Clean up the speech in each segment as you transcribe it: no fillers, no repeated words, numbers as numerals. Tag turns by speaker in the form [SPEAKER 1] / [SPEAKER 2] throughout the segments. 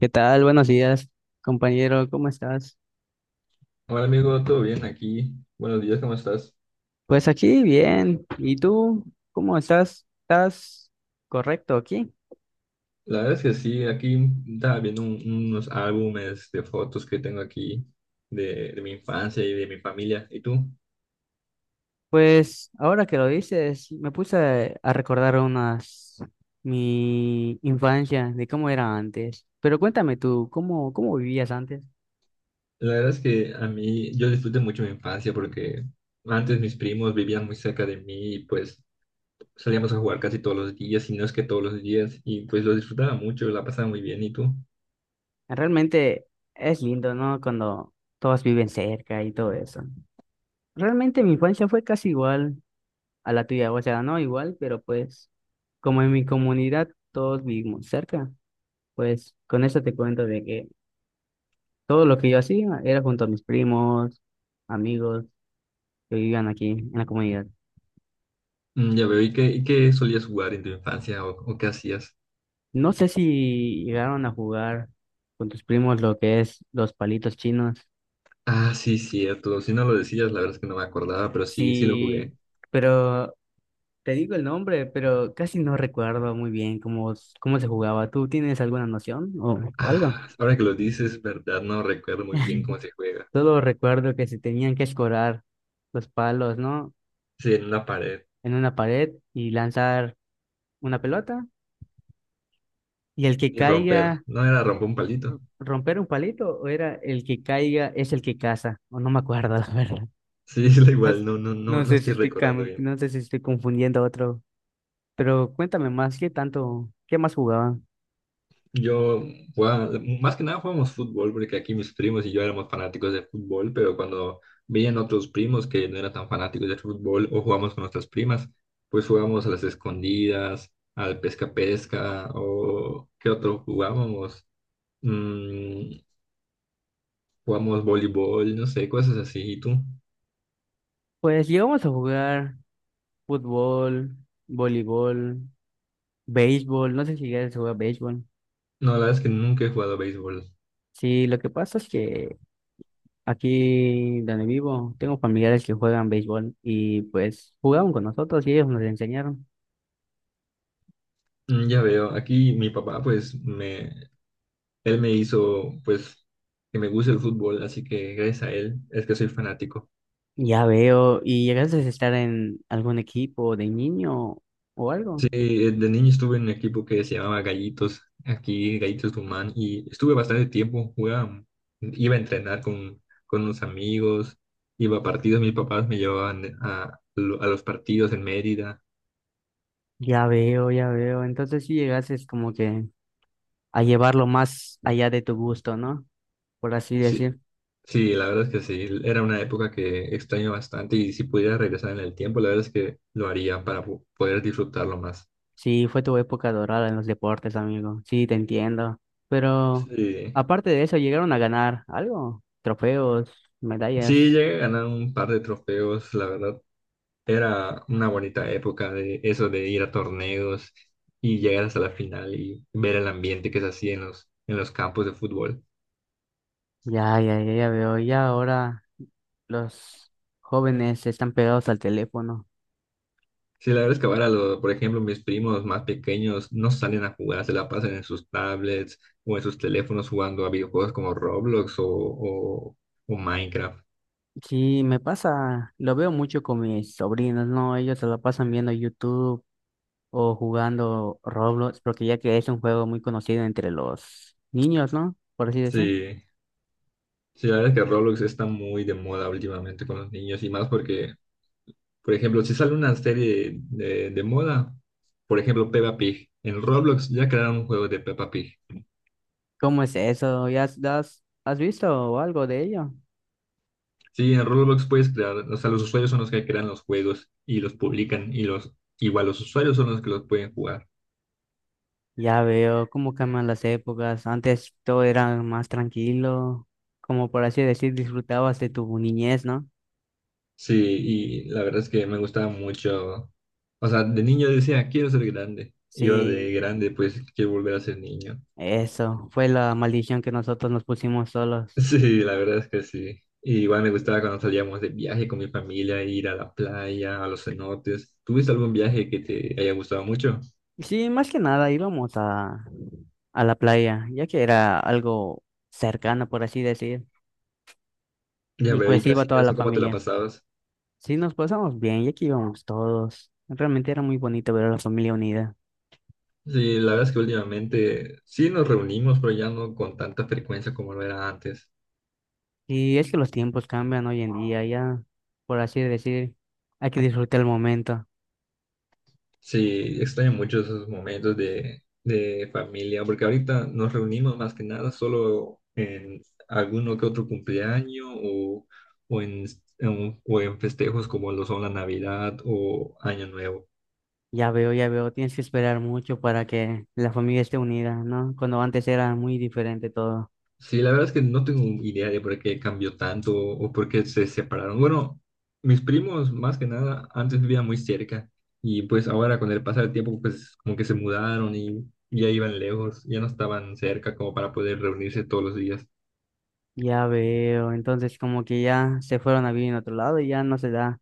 [SPEAKER 1] ¿Qué tal? Buenos días, compañero. ¿Cómo estás?
[SPEAKER 2] Hola amigo, ¿todo bien aquí? Buenos días, ¿cómo estás?
[SPEAKER 1] Pues aquí bien. ¿Y tú? ¿Cómo estás? ¿Estás correcto aquí?
[SPEAKER 2] La verdad es que sí, aquí estaba viendo unos álbumes de fotos que tengo aquí de mi infancia y de mi familia. ¿Y tú?
[SPEAKER 1] Pues ahora que lo dices, me puse a recordar unas mi infancia de cómo era antes. Pero cuéntame tú, ¿cómo vivías antes?
[SPEAKER 2] La verdad es que a mí, yo disfruté mucho mi infancia porque antes mis primos vivían muy cerca de mí y pues salíamos a jugar casi todos los días, y no es que todos los días, y pues lo disfrutaba mucho, la pasaba muy bien. ¿Y tú?
[SPEAKER 1] Realmente es lindo, ¿no? Cuando todos viven cerca y todo eso. Realmente mi infancia fue casi igual a la tuya. O sea, no igual, pero pues como en mi comunidad todos vivimos cerca, pues con eso te cuento de que todo lo que yo hacía era junto a mis primos, amigos que vivían aquí en la comunidad.
[SPEAKER 2] Mm, ya veo, ¿y qué solías jugar en tu infancia o qué hacías?
[SPEAKER 1] No sé si llegaron a jugar con tus primos lo que es los palitos chinos.
[SPEAKER 2] Ah, sí, cierto. Si no lo decías, la verdad es que no me acordaba, pero sí, sí lo
[SPEAKER 1] Sí,
[SPEAKER 2] jugué.
[SPEAKER 1] pero te digo el nombre, pero casi no recuerdo muy bien cómo se jugaba. ¿Tú tienes alguna noción o algo?
[SPEAKER 2] Ah, ahora que lo dices, verdad, no recuerdo muy bien cómo se juega.
[SPEAKER 1] Solo recuerdo que se tenían que escorar los palos, ¿no?
[SPEAKER 2] Sí, en una pared
[SPEAKER 1] En una pared y lanzar una pelota. Y el que
[SPEAKER 2] y romper.
[SPEAKER 1] caiga,
[SPEAKER 2] No era romper un palito.
[SPEAKER 1] romper un palito, o era el que caiga es el que caza. O no me acuerdo, la verdad.
[SPEAKER 2] Sí, es
[SPEAKER 1] No,
[SPEAKER 2] igual,
[SPEAKER 1] s-
[SPEAKER 2] no, no, no,
[SPEAKER 1] no
[SPEAKER 2] no
[SPEAKER 1] sé si
[SPEAKER 2] estoy
[SPEAKER 1] estoy,
[SPEAKER 2] recordando bien.
[SPEAKER 1] no sé si estoy confundiendo otro. Pero cuéntame más, ¿qué tanto, qué más jugaban?
[SPEAKER 2] Yo, más que nada jugábamos fútbol, porque aquí mis primos y yo éramos fanáticos de fútbol, pero cuando veían otros primos que no eran tan fanáticos de fútbol o jugábamos con nuestras primas, pues jugábamos a las escondidas, al pesca-pesca o qué otro jugábamos. Mm, jugamos voleibol, no sé, cosas así. ¿Y tú?
[SPEAKER 1] Pues llegamos a jugar fútbol, voleibol, béisbol. No sé si llegaste a jugar béisbol.
[SPEAKER 2] No, la verdad es que nunca he jugado béisbol.
[SPEAKER 1] Sí, lo que pasa es que aquí donde vivo, tengo familiares que juegan béisbol y pues jugaban con nosotros y ellos nos enseñaron.
[SPEAKER 2] Mm, ya veo, aquí mi papá, pues, me, él me hizo, pues, que me guste el fútbol, así que gracias a él es que soy fanático.
[SPEAKER 1] Ya veo, ¿y llegaste a estar en algún equipo de niño o algo?
[SPEAKER 2] Sí, de niño estuve en un equipo que se llamaba Gallitos, aquí Gallitos Tucumán, y estuve bastante tiempo, jugaba, iba a entrenar con unos amigos, iba a partidos, mis papás me llevaban a los partidos en Mérida.
[SPEAKER 1] Ya veo, ya veo. Entonces sí llegaste como que a llevarlo más allá de tu gusto, ¿no? Por así
[SPEAKER 2] Sí,
[SPEAKER 1] decir.
[SPEAKER 2] sí, la verdad es que sí, era una época que extraño bastante y si pudiera regresar en el tiempo, la verdad es que lo haría para poder disfrutarlo más.
[SPEAKER 1] Sí, fue tu época dorada en los deportes, amigo. Sí, te entiendo. Pero
[SPEAKER 2] Sí,
[SPEAKER 1] aparte de eso, llegaron a ganar algo, trofeos,
[SPEAKER 2] sí,
[SPEAKER 1] medallas.
[SPEAKER 2] llegué a ganar un par de trofeos, la verdad, era una bonita época de eso de ir a torneos y llegar hasta la final y ver el ambiente que se hacía en los campos de fútbol.
[SPEAKER 1] Ya, ya, ya, ya veo. Ya ahora los jóvenes están pegados al teléfono.
[SPEAKER 2] Sí, la verdad es que ahora, por ejemplo, mis primos más pequeños no salen a jugar, se la pasan en sus tablets o en sus teléfonos jugando a videojuegos como Roblox o Minecraft.
[SPEAKER 1] Sí, me pasa, lo veo mucho con mis sobrinos, ¿no? Ellos se lo pasan viendo YouTube o jugando Roblox, porque ya que es un juego muy conocido entre los niños, ¿no? Por así decir.
[SPEAKER 2] Sí, sí, la verdad es que Roblox está muy de moda últimamente con los niños y más porque, por ejemplo, si sale una serie de moda, por ejemplo, Peppa Pig, en Roblox ya crearon un juego de Peppa Pig.
[SPEAKER 1] ¿Cómo es eso? ¿Ya has visto algo de ello?
[SPEAKER 2] Sí, en Roblox puedes crear, o sea, los usuarios son los que crean los juegos y los publican y igual los usuarios son los que los pueden jugar.
[SPEAKER 1] Ya veo cómo cambian las épocas. Antes todo era más tranquilo, como por así decir, disfrutabas de tu niñez, ¿no?
[SPEAKER 2] Sí, y la verdad es que me gustaba mucho. O sea, de niño decía, quiero ser grande. Y ahora
[SPEAKER 1] Sí.
[SPEAKER 2] de grande, pues quiero volver a ser niño.
[SPEAKER 1] Eso fue la maldición que nosotros nos pusimos solos.
[SPEAKER 2] Sí, la verdad es que sí. Y igual me gustaba cuando salíamos de viaje con mi familia, ir a la playa, a los cenotes. ¿Tuviste algún viaje que te haya gustado mucho?
[SPEAKER 1] Sí, más que nada a la playa, ya que era algo cercano, por así decir.
[SPEAKER 2] Ya
[SPEAKER 1] Y
[SPEAKER 2] veo, y
[SPEAKER 1] pues iba
[SPEAKER 2] casi
[SPEAKER 1] toda la
[SPEAKER 2] eso, ¿cómo te la
[SPEAKER 1] familia.
[SPEAKER 2] pasabas?
[SPEAKER 1] Sí, nos pasamos bien, ya que íbamos todos. Realmente era muy bonito ver a la familia unida.
[SPEAKER 2] Sí, la verdad es que últimamente sí nos reunimos, pero ya no con tanta frecuencia como lo era antes.
[SPEAKER 1] Y es que los tiempos cambian hoy en día, ya, por así decir, hay que disfrutar el momento.
[SPEAKER 2] Sí, extraño mucho esos momentos de familia, porque ahorita nos reunimos más que nada solo en alguno que otro cumpleaños o, en, o en festejos como lo son la Navidad o Año Nuevo.
[SPEAKER 1] Ya veo, tienes que esperar mucho para que la familia esté unida, ¿no? Cuando antes era muy diferente todo.
[SPEAKER 2] Sí, la verdad es que no tengo idea de por qué cambió tanto o por qué se separaron. Bueno, mis primos más que nada antes vivían muy cerca y pues ahora con el pasar del tiempo pues como que se mudaron y ya iban lejos, ya no estaban cerca como para poder reunirse todos los días.
[SPEAKER 1] Ya veo, entonces como que ya se fueron a vivir en otro lado y ya no se da,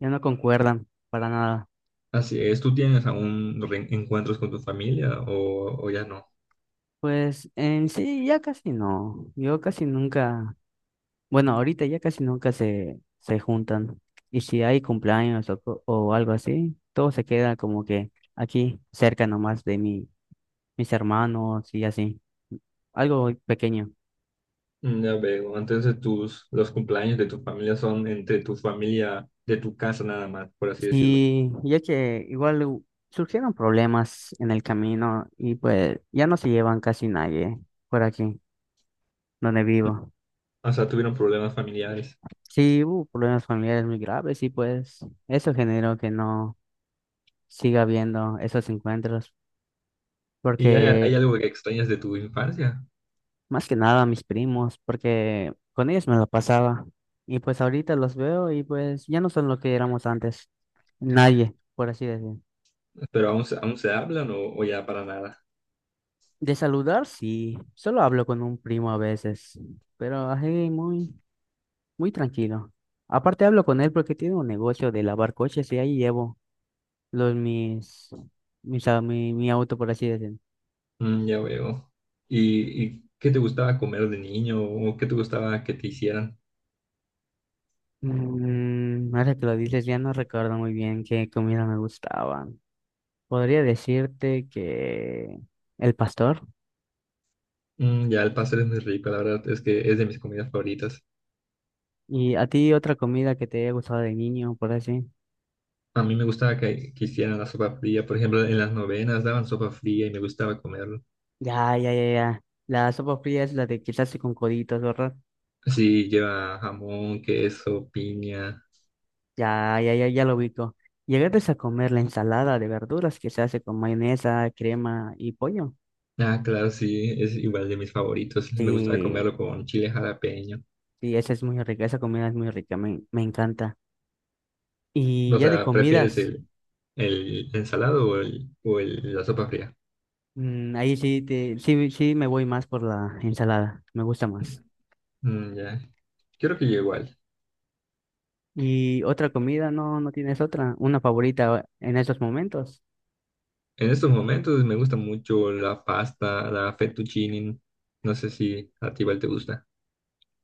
[SPEAKER 1] ya no concuerdan para nada.
[SPEAKER 2] Así es, ¿tú tienes aún reencuentros con tu familia o ya no?
[SPEAKER 1] Pues en sí ya casi no, yo casi nunca, bueno, ahorita ya casi nunca se juntan. Y si hay cumpleaños o algo así, todo se queda como que aquí cerca nomás de mis hermanos y así, algo pequeño.
[SPEAKER 2] Mm, ya veo, entonces tus, los cumpleaños de tu familia son entre tu familia de tu casa nada más, por así decirlo.
[SPEAKER 1] Sí, ya que igual surgieron problemas en el camino y pues ya no se llevan casi nadie por aquí donde vivo.
[SPEAKER 2] O sea, tuvieron problemas familiares.
[SPEAKER 1] Sí, hubo problemas familiares muy graves y pues eso generó que no siga habiendo esos encuentros,
[SPEAKER 2] ¿Y hay
[SPEAKER 1] porque
[SPEAKER 2] algo que extrañas de tu infancia?
[SPEAKER 1] más que nada mis primos, porque con ellos me lo pasaba y pues ahorita los veo y pues ya no son lo que éramos antes, nadie, por así decir.
[SPEAKER 2] ¿Pero aún, aún se hablan o ya para nada?
[SPEAKER 1] De saludar, sí. Solo hablo con un primo a veces, pero así muy tranquilo. Aparte hablo con él porque tiene un negocio de lavar coches y ahí llevo los mis, mi auto, por así decirlo.
[SPEAKER 2] Mm, ya veo. ¿Y qué te gustaba comer de niño o qué te gustaba que te hicieran?
[SPEAKER 1] Mm, ahora que lo dices, ya no recuerdo muy bien qué comida me gustaba. Podría decirte que el pastor.
[SPEAKER 2] Mm, ya el pastel es muy rico, la verdad es que es de mis comidas favoritas.
[SPEAKER 1] ¿Y a ti otra comida que te haya gustado de niño, por así?
[SPEAKER 2] A mí me gustaba que hicieran la sopa fría. Por ejemplo, en las novenas daban sopa fría y me gustaba comerlo.
[SPEAKER 1] Ya, ya, ya, ya. La sopa fría es la de quizás con coditos, ¿verdad?
[SPEAKER 2] Sí, lleva jamón, queso, piña.
[SPEAKER 1] Ya, ya, ya, ya lo ubico. Llegaste a comer la ensalada de verduras que se hace con mayonesa, crema y pollo.
[SPEAKER 2] Ah, claro, sí, es igual de mis favoritos. Me gustaba
[SPEAKER 1] Sí,
[SPEAKER 2] comerlo con chile jalapeño.
[SPEAKER 1] sí, esa es muy rica, esa comida es muy rica, me encanta. Y
[SPEAKER 2] O
[SPEAKER 1] ya de
[SPEAKER 2] sea, ¿prefieres
[SPEAKER 1] comidas,
[SPEAKER 2] el ensalado o, el, o la sopa fría?
[SPEAKER 1] mm, ahí sí, sí me voy más por la ensalada, me gusta más.
[SPEAKER 2] Mm, ya, creo que yo igual.
[SPEAKER 1] Y otra comida, no, no tienes otra, una favorita en estos momentos.
[SPEAKER 2] En estos momentos me gusta mucho la pasta, la fettuccine. No sé si a ti igual te gusta.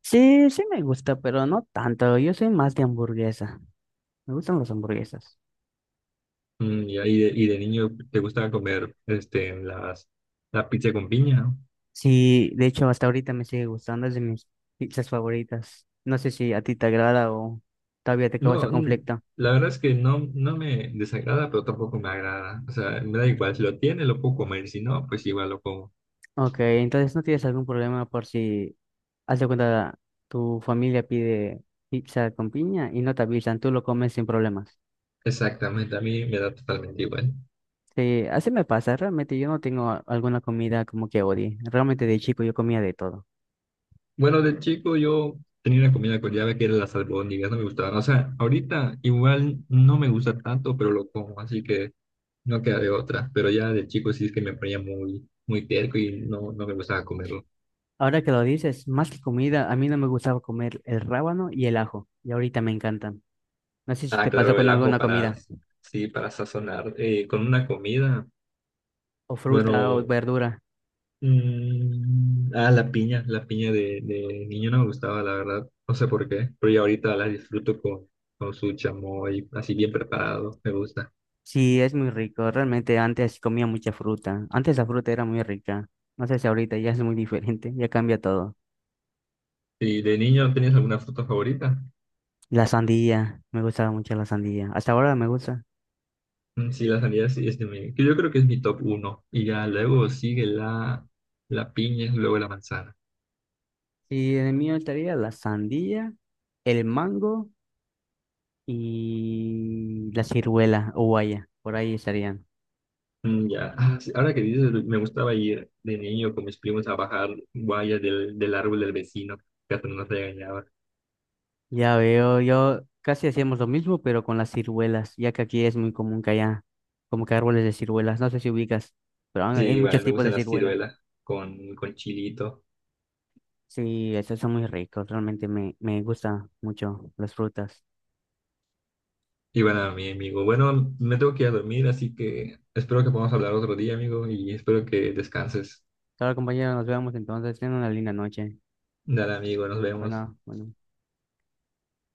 [SPEAKER 1] Sí, sí me gusta, pero no tanto, yo soy más de hamburguesa, me gustan las hamburguesas.
[SPEAKER 2] Mm, ya, y de niño te gusta comer la pizza con piña.
[SPEAKER 1] Sí, de hecho, hasta ahorita me sigue gustando, es de mis pizzas favoritas. No sé si a ti te agrada o todavía te causa
[SPEAKER 2] No, mm,
[SPEAKER 1] conflicto.
[SPEAKER 2] la verdad es que no, no me desagrada, pero tampoco me agrada. O sea, me da igual, si lo tiene, lo puedo comer, si no, pues igual lo como.
[SPEAKER 1] Ok, entonces no tienes algún problema por si, haz de cuenta, tu familia pide pizza con piña y no te avisan, tú lo comes sin problemas.
[SPEAKER 2] Exactamente, a mí me da totalmente igual.
[SPEAKER 1] Sí, así me pasa, realmente yo no tengo alguna comida como que odie. Realmente de chico yo comía de todo.
[SPEAKER 2] Bueno, de chico yo tenía una comida con llave que era las albóndigas, no me gustaban. O sea, ahorita igual no me gusta tanto, pero lo como, así que no queda de otra. Pero ya de chico sí es que me ponía muy, muy terco y no, no me gustaba comerlo.
[SPEAKER 1] Ahora que lo dices, más que comida, a mí no me gustaba comer el rábano y el ajo, y ahorita me encantan. No sé si
[SPEAKER 2] Ah,
[SPEAKER 1] te pasó
[SPEAKER 2] claro, el
[SPEAKER 1] con
[SPEAKER 2] ajo
[SPEAKER 1] alguna comida.
[SPEAKER 2] sí, para sazonar con una comida.
[SPEAKER 1] O fruta o
[SPEAKER 2] Bueno,
[SPEAKER 1] verdura.
[SPEAKER 2] mm, ah, la piña de niño no me gustaba, la verdad. No sé por qué, pero ya ahorita la disfruto con su chamoy, así bien preparado, me gusta.
[SPEAKER 1] Sí, es muy rico. Realmente antes comía mucha fruta. Antes la fruta era muy rica. No sé si ahorita ya es muy diferente. Ya cambia todo.
[SPEAKER 2] ¿Y de niño tenías alguna fruta favorita?
[SPEAKER 1] La sandía. Me gustaba mucho la sandía. Hasta ahora me gusta.
[SPEAKER 2] Mm, sí, la sandía sí, es de mi, que yo creo que es mi top uno. Y ya luego sigue la piña, luego la manzana.
[SPEAKER 1] Y en el mío estaría la sandía, el mango y la ciruela o guaya. Por ahí estarían.
[SPEAKER 2] Mm, ya, ah, sí, ahora que dices, me gustaba ir de niño con mis primos a bajar guayas del árbol del vecino, que hasta nos regañaba.
[SPEAKER 1] Ya veo, yo casi hacíamos lo mismo, pero con las ciruelas, ya que aquí es muy común que haya como que árboles de ciruelas. No sé si ubicas, pero
[SPEAKER 2] Sí,
[SPEAKER 1] hay muchos
[SPEAKER 2] igual, me
[SPEAKER 1] tipos de
[SPEAKER 2] gustan las
[SPEAKER 1] ciruelas.
[SPEAKER 2] ciruelas con chilito.
[SPEAKER 1] Sí, esos son muy ricos, realmente me gustan mucho las frutas.
[SPEAKER 2] Y bueno, mi amigo, bueno, me tengo que ir a dormir, así que espero que podamos hablar otro día, amigo, y espero que descanses.
[SPEAKER 1] Claro, compañero, nos vemos entonces, tengan una linda noche.
[SPEAKER 2] Dale, amigo, nos vemos.
[SPEAKER 1] Bueno, bueno.